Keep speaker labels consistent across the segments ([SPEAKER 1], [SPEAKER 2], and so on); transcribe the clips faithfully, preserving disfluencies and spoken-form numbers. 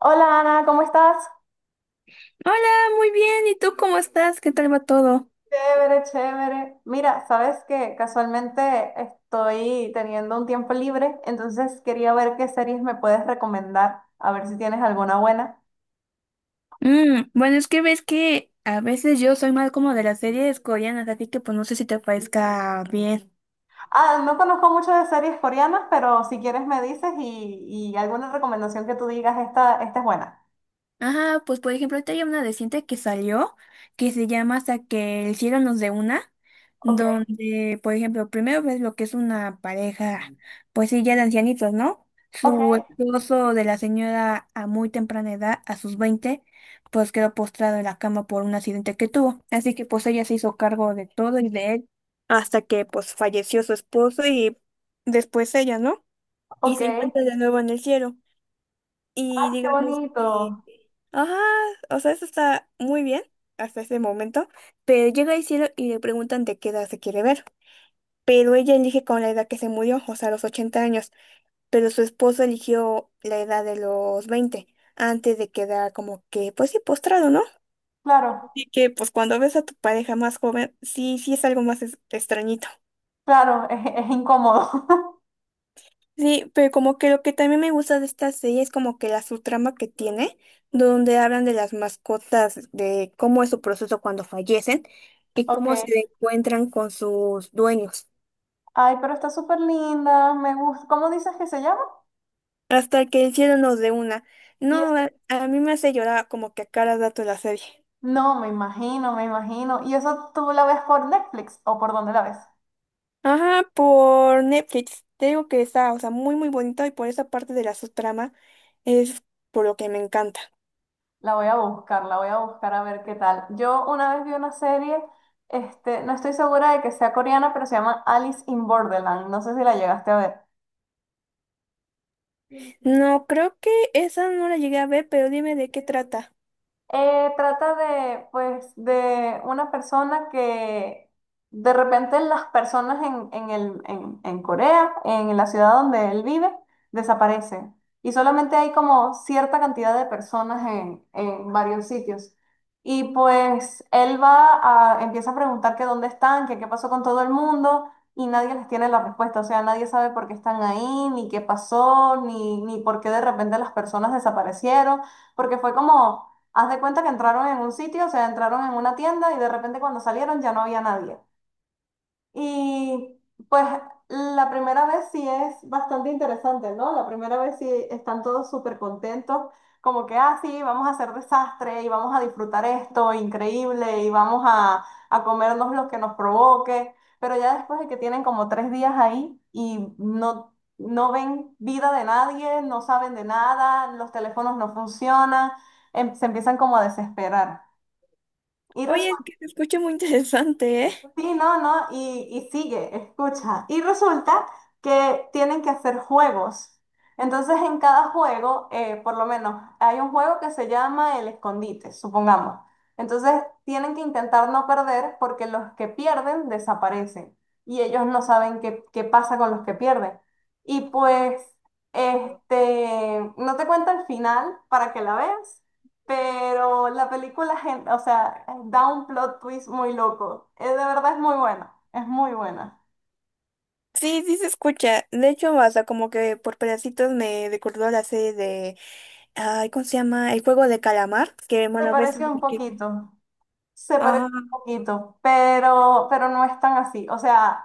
[SPEAKER 1] Hola Ana, ¿cómo estás?
[SPEAKER 2] Hola, muy bien. ¿Y tú cómo estás? ¿Qué tal va todo?
[SPEAKER 1] Chévere, chévere. Mira, sabes que casualmente estoy teniendo un tiempo libre, entonces quería ver qué series me puedes recomendar, a ver si tienes alguna buena.
[SPEAKER 2] Mm, bueno, es que ves que a veces yo soy más como de las series coreanas, así que pues no sé si te parezca bien.
[SPEAKER 1] Ah, no conozco mucho de series coreanas, pero si quieres me dices y, y alguna recomendación que tú digas, esta, esta es buena.
[SPEAKER 2] Ajá, pues por ejemplo, ahorita hay una reciente que salió que se llama Hasta que el cielo nos dé una,
[SPEAKER 1] Ok,
[SPEAKER 2] donde, por ejemplo, primero ves lo que es una pareja, pues sí, ya de ancianitos, ¿no?
[SPEAKER 1] ok,
[SPEAKER 2] Su esposo de la señora a muy temprana edad, a sus veinte pues quedó postrado en la cama por un accidente que tuvo. Así que pues ella se hizo cargo de todo y de él hasta que pues falleció su esposo y después ella, ¿no? Y
[SPEAKER 1] ok.
[SPEAKER 2] se encuentra de nuevo en el cielo.
[SPEAKER 1] Ah,
[SPEAKER 2] Y
[SPEAKER 1] qué
[SPEAKER 2] digamos que...
[SPEAKER 1] bonito.
[SPEAKER 2] Ajá, o sea, eso está muy bien hasta ese momento, pero llega el cielo y le preguntan de qué edad se quiere ver, pero ella elige con la edad que se murió, o sea, los ochenta años, pero su esposo eligió la edad de los veinte antes de quedar como que, pues sí, postrado, ¿no?
[SPEAKER 1] Claro,
[SPEAKER 2] Así que, pues cuando ves a tu pareja más joven, sí, sí es algo más es- extrañito.
[SPEAKER 1] claro, es, es incómodo.
[SPEAKER 2] Sí, pero como que lo que también me gusta de esta serie es como que la subtrama que tiene, donde hablan de las mascotas, de cómo es su proceso cuando fallecen y
[SPEAKER 1] Ok.
[SPEAKER 2] cómo se encuentran con sus dueños,
[SPEAKER 1] Ay, pero está súper linda, me gusta. ¿Cómo dices que se llama?
[SPEAKER 2] hasta que el cielo nos dé una. No, a, a mí me hace llorar como que a cada dato la serie.
[SPEAKER 1] No, me imagino, me imagino. ¿Y eso tú la ves por Netflix o por dónde la ves?
[SPEAKER 2] Ajá, por Netflix. Te digo que está, o sea, muy muy bonito y por esa parte de la subtrama es por lo que me encanta.
[SPEAKER 1] La voy a buscar, la voy a buscar a ver qué tal. Yo una vez vi una serie, este, no estoy segura de que sea coreana, pero se llama Alice in Borderland. No sé si la llegaste a ver.
[SPEAKER 2] No, creo que esa no la llegué a ver, pero dime de qué trata.
[SPEAKER 1] Eh, trata de, pues, de una persona que de repente las personas en, en el, en, en Corea, en la ciudad donde él vive, desaparecen. Y solamente hay como cierta cantidad de personas en, en varios sitios. Y pues él va a, empieza a preguntar que dónde están, que qué pasó con todo el mundo, y nadie les tiene la respuesta. O sea, nadie sabe por qué están ahí, ni qué pasó, ni, ni por qué de repente las personas desaparecieron, porque fue como haz de cuenta que entraron en un sitio, o sea, entraron en una tienda y de repente cuando salieron ya no había nadie. Y pues la primera vez sí es bastante interesante, ¿no? La primera vez sí están todos súper contentos, como que, ah, sí, vamos a hacer desastre y vamos a disfrutar esto, increíble, y vamos a, a comernos lo que nos provoque, pero ya después de que tienen como tres días ahí y no, no ven vida de nadie, no saben de nada, los teléfonos no funcionan, em- se empiezan como a desesperar. Y
[SPEAKER 2] Oye, es
[SPEAKER 1] resulta.
[SPEAKER 2] que se escucha muy interesante, ¿eh?
[SPEAKER 1] Sí, no, no, y, y sigue, escucha. Y resulta que tienen que hacer juegos. Entonces, en cada juego, eh, por lo menos, hay un juego que se llama el escondite, supongamos. Entonces, tienen que intentar no perder porque los que pierden desaparecen y ellos no saben qué, qué pasa con los que pierden. Y pues, este, no te cuento el final para que la veas, pero la película, gen- o sea, da un plot twist muy loco. Eh, de verdad es muy buena, es muy buena.
[SPEAKER 2] Sí, sí se escucha. De hecho, hasta como que por pedacitos me recordó la serie de, ay, ¿cómo se llama? El juego de calamar, que
[SPEAKER 1] Se
[SPEAKER 2] bueno, ves
[SPEAKER 1] pareció un
[SPEAKER 2] que...
[SPEAKER 1] poquito, se parece
[SPEAKER 2] Ajá,
[SPEAKER 1] un poquito, pero, pero no es tan así. O sea,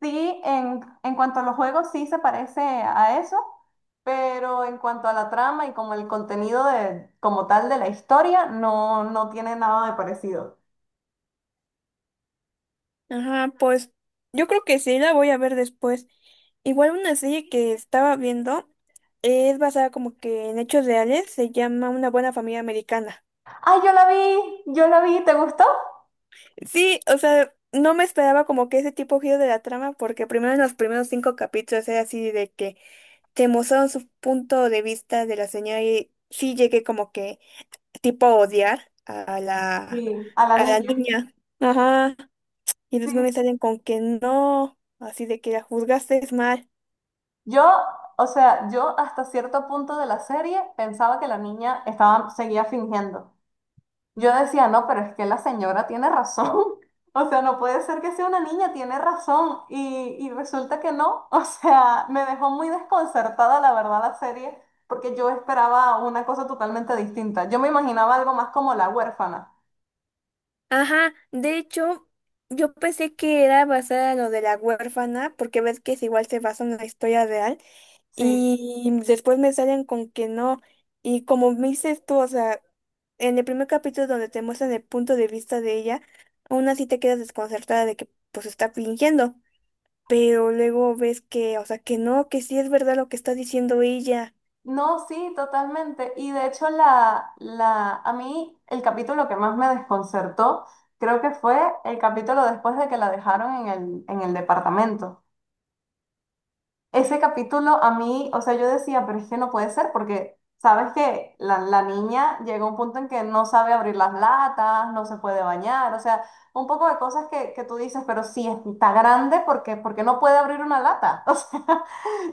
[SPEAKER 1] sí, en, en cuanto a los juegos, sí se parece a eso, pero en cuanto a la trama y como el contenido de, como tal de la historia, no, no tiene nada de parecido.
[SPEAKER 2] ajá, pues yo creo que sí, la voy a ver después. Igual una serie que estaba viendo es basada como que en hechos reales, se llama Una buena familia americana.
[SPEAKER 1] ¡Ay, yo la vi! ¡Yo la vi! ¿Te gustó?
[SPEAKER 2] Sí, o sea, no me esperaba como que ese tipo de giro de la trama, porque primero en los primeros cinco capítulos era así de que te mostraron su punto de vista de la señora y sí llegué como que tipo a odiar a la,
[SPEAKER 1] Sí, a la
[SPEAKER 2] a la
[SPEAKER 1] niña.
[SPEAKER 2] niña. Ajá. Y los memes
[SPEAKER 1] Sí.
[SPEAKER 2] salen con que no, así de que la juzgaste es mal.
[SPEAKER 1] Yo, o sea, yo hasta cierto punto de la serie pensaba que la niña estaba, seguía fingiendo. Yo decía, no, pero es que la señora tiene razón. O sea, no puede ser que sea una niña, tiene razón. Y, y resulta que no. O sea, me dejó muy desconcertada, la verdad, la serie, porque yo esperaba una cosa totalmente distinta. Yo me imaginaba algo más como la huérfana.
[SPEAKER 2] Ajá, de hecho, yo pensé que era basada en lo de la huérfana, porque ves que es igual se basa en la historia real,
[SPEAKER 1] Sí.
[SPEAKER 2] y después me salen con que no, y como me dices tú, o sea, en el primer capítulo donde te muestran el punto de vista de ella, aún así te quedas desconcertada de que pues está fingiendo, pero luego ves que, o sea, que no, que sí es verdad lo que está diciendo ella.
[SPEAKER 1] No, sí, totalmente. Y de hecho, la, la, a mí el capítulo que más me desconcertó creo que fue el capítulo después de que la dejaron en el, en el departamento. Ese capítulo a mí, o sea, yo decía, pero es que no puede ser porque, ¿sabes que La, la niña llega a un punto en que no sabe abrir las latas, no se puede bañar? O sea, un poco de cosas que, que tú dices, pero sí, está grande porque, porque no puede abrir una lata, o sea,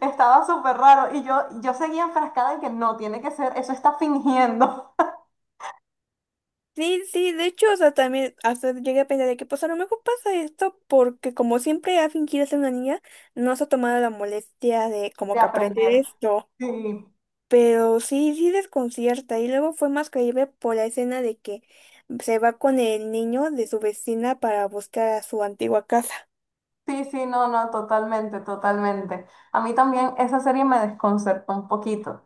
[SPEAKER 1] estaba súper raro y yo, yo seguía enfrascada en que no, tiene que ser, eso está fingiendo.
[SPEAKER 2] Sí, sí, de hecho, o sea, también hasta llegué a pensar de que pues a lo mejor pasa esto porque como siempre ha fingido ser una niña, no se ha tomado la molestia de
[SPEAKER 1] De
[SPEAKER 2] como que aprender
[SPEAKER 1] aprender.
[SPEAKER 2] esto.
[SPEAKER 1] Sí,
[SPEAKER 2] Pero sí, sí desconcierta. Y luego fue más creíble por la escena de que se va con el niño de su vecina para buscar a su antigua casa.
[SPEAKER 1] sí, sí, no, no, totalmente, totalmente. A mí también esa serie me desconcertó un poquito.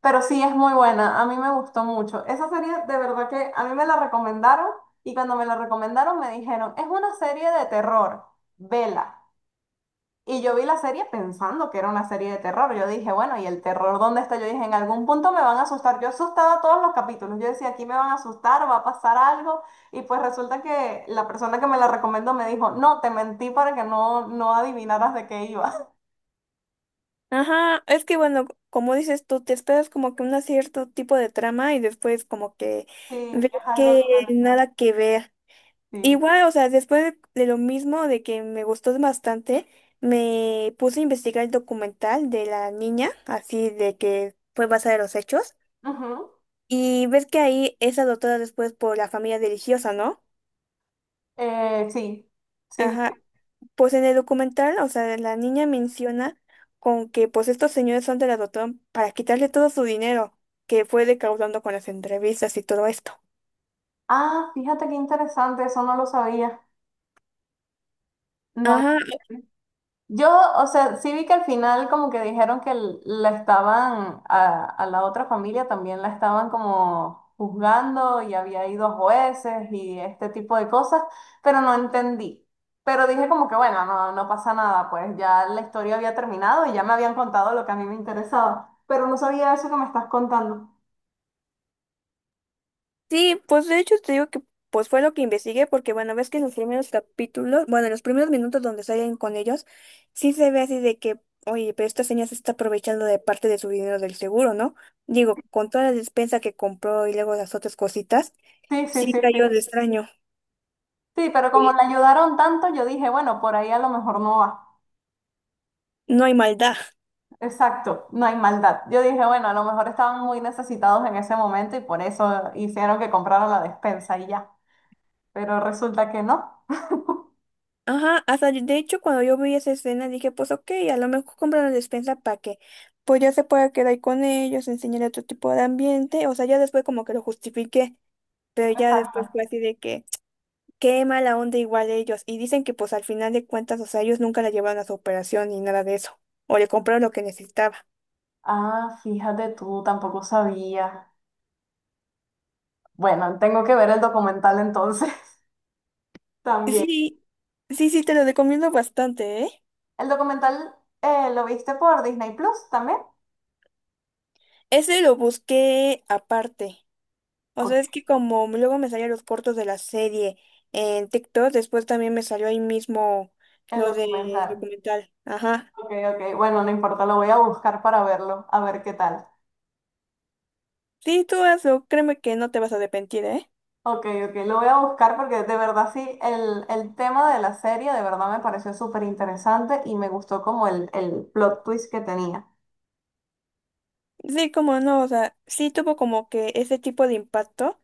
[SPEAKER 1] Pero sí, es muy buena, a mí me gustó mucho. Esa serie de verdad que a mí me la recomendaron y cuando me la recomendaron me dijeron, es una serie de terror, vela. Y yo vi la serie pensando que era una serie de terror. Yo dije, bueno, ¿y el terror dónde está? Yo dije, en algún punto me van a asustar. Yo asustaba todos los capítulos. Yo decía, aquí me van a asustar, va a pasar algo. Y pues resulta que la persona que me la recomendó me dijo, no, te mentí para que no, no adivinaras de qué iba.
[SPEAKER 2] Ajá, es que bueno, como dices tú, te esperas como que un cierto tipo de trama y después como que
[SPEAKER 1] Sí,
[SPEAKER 2] ves
[SPEAKER 1] es algo
[SPEAKER 2] que
[SPEAKER 1] totalmente.
[SPEAKER 2] nada que ver.
[SPEAKER 1] Sí.
[SPEAKER 2] Igual, o sea, después de lo mismo, de que me gustó bastante, me puse a investigar el documental de la niña, así de que fue basada en los hechos.
[SPEAKER 1] Ujú.
[SPEAKER 2] Y ves que ahí es adoptada después por la familia religiosa, ¿no?
[SPEAKER 1] Eh, sí. Sí,
[SPEAKER 2] Ajá.
[SPEAKER 1] sí.
[SPEAKER 2] Pues en el documental, o sea, la niña menciona con que pues estos señores son de la adoptaron para quitarle todo su dinero que fue recaudando con las entrevistas y todo esto.
[SPEAKER 1] Ah, fíjate qué interesante, eso no lo sabía. No lo.
[SPEAKER 2] Ajá,
[SPEAKER 1] Yo, o sea, sí vi que al final como que dijeron que l- la estaban, a, a la otra familia también la estaban como juzgando y había ido a jueces y este tipo de cosas, pero no entendí. Pero dije como que bueno, no, no pasa nada, pues ya la historia había terminado y ya me habían contado lo que a mí me interesaba, pero no sabía eso que me estás contando.
[SPEAKER 2] sí, pues de hecho te digo que pues fue lo que investigué porque bueno, ves que en los primeros capítulos, bueno, en los primeros minutos donde salen con ellos, sí se ve así de que, oye, pero esta señora se está aprovechando de parte de su dinero del seguro, ¿no? Digo, con toda la despensa que compró y luego las otras cositas,
[SPEAKER 1] Sí, sí,
[SPEAKER 2] sí
[SPEAKER 1] sí, sí.
[SPEAKER 2] cayó de extraño.
[SPEAKER 1] Sí, pero como la
[SPEAKER 2] Sí.
[SPEAKER 1] ayudaron tanto, yo dije, bueno, por ahí a lo mejor no va.
[SPEAKER 2] No hay maldad.
[SPEAKER 1] Exacto, no hay maldad. Yo dije, bueno, a lo mejor estaban muy necesitados en ese momento y por eso hicieron que compraran la despensa y ya. Pero resulta que no.
[SPEAKER 2] Ajá, hasta yo- de hecho cuando yo vi esa escena dije, pues ok, a lo mejor compra la despensa para que pues ya se pueda quedar ahí con ellos, enseñar otro tipo de ambiente, o sea, ya después como que lo justifiqué. Pero ya después
[SPEAKER 1] Exacto.
[SPEAKER 2] fue así de que, qué mala onda igual ellos. Y dicen que pues al final de cuentas, o sea, ellos nunca la llevaron a su operación ni nada de eso. O le compraron lo que necesitaba.
[SPEAKER 1] Ah, fíjate tú, tampoco sabía. Bueno, tengo que ver el documental entonces también.
[SPEAKER 2] Sí, sí, sí, te lo recomiendo bastante, ¿eh?
[SPEAKER 1] ¿El documental eh, lo viste por Disney Plus también?
[SPEAKER 2] Ese lo busqué aparte. O
[SPEAKER 1] Ok.
[SPEAKER 2] sea, es que como luego me salían los cortos de la serie en TikTok, después también me salió ahí mismo
[SPEAKER 1] El
[SPEAKER 2] lo de
[SPEAKER 1] documental.
[SPEAKER 2] documental. Ajá.
[SPEAKER 1] Ok, ok. Bueno, no importa, lo voy a buscar para verlo, a ver qué tal.
[SPEAKER 2] Sí, tú hazlo, créeme que no te vas a arrepentir, ¿eh?
[SPEAKER 1] Ok, ok, lo voy a buscar porque de verdad sí, el, el tema de la serie de verdad me pareció súper interesante y me gustó como el, el plot twist que tenía.
[SPEAKER 2] Sí, como no, o sea, sí tuvo como que ese tipo de impacto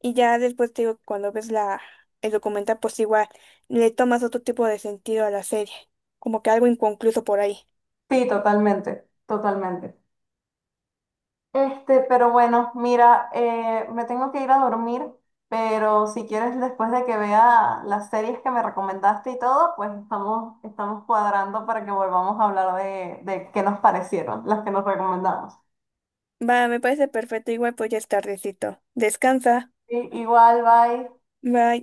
[SPEAKER 2] y ya después te digo, cuando ves la, el documental, pues igual le tomas otro tipo de sentido a la serie, como que algo inconcluso por ahí.
[SPEAKER 1] Sí, totalmente, totalmente. Este, pero bueno, mira, eh, me tengo que ir a dormir, pero si quieres después de que vea las series que me recomendaste y todo, pues estamos, estamos cuadrando para que volvamos a hablar de, de qué nos parecieron, las que nos recomendamos.
[SPEAKER 2] Va, me parece perfecto, igual pues ya es tardecito. Descansa,
[SPEAKER 1] Sí, igual, bye.
[SPEAKER 2] bye.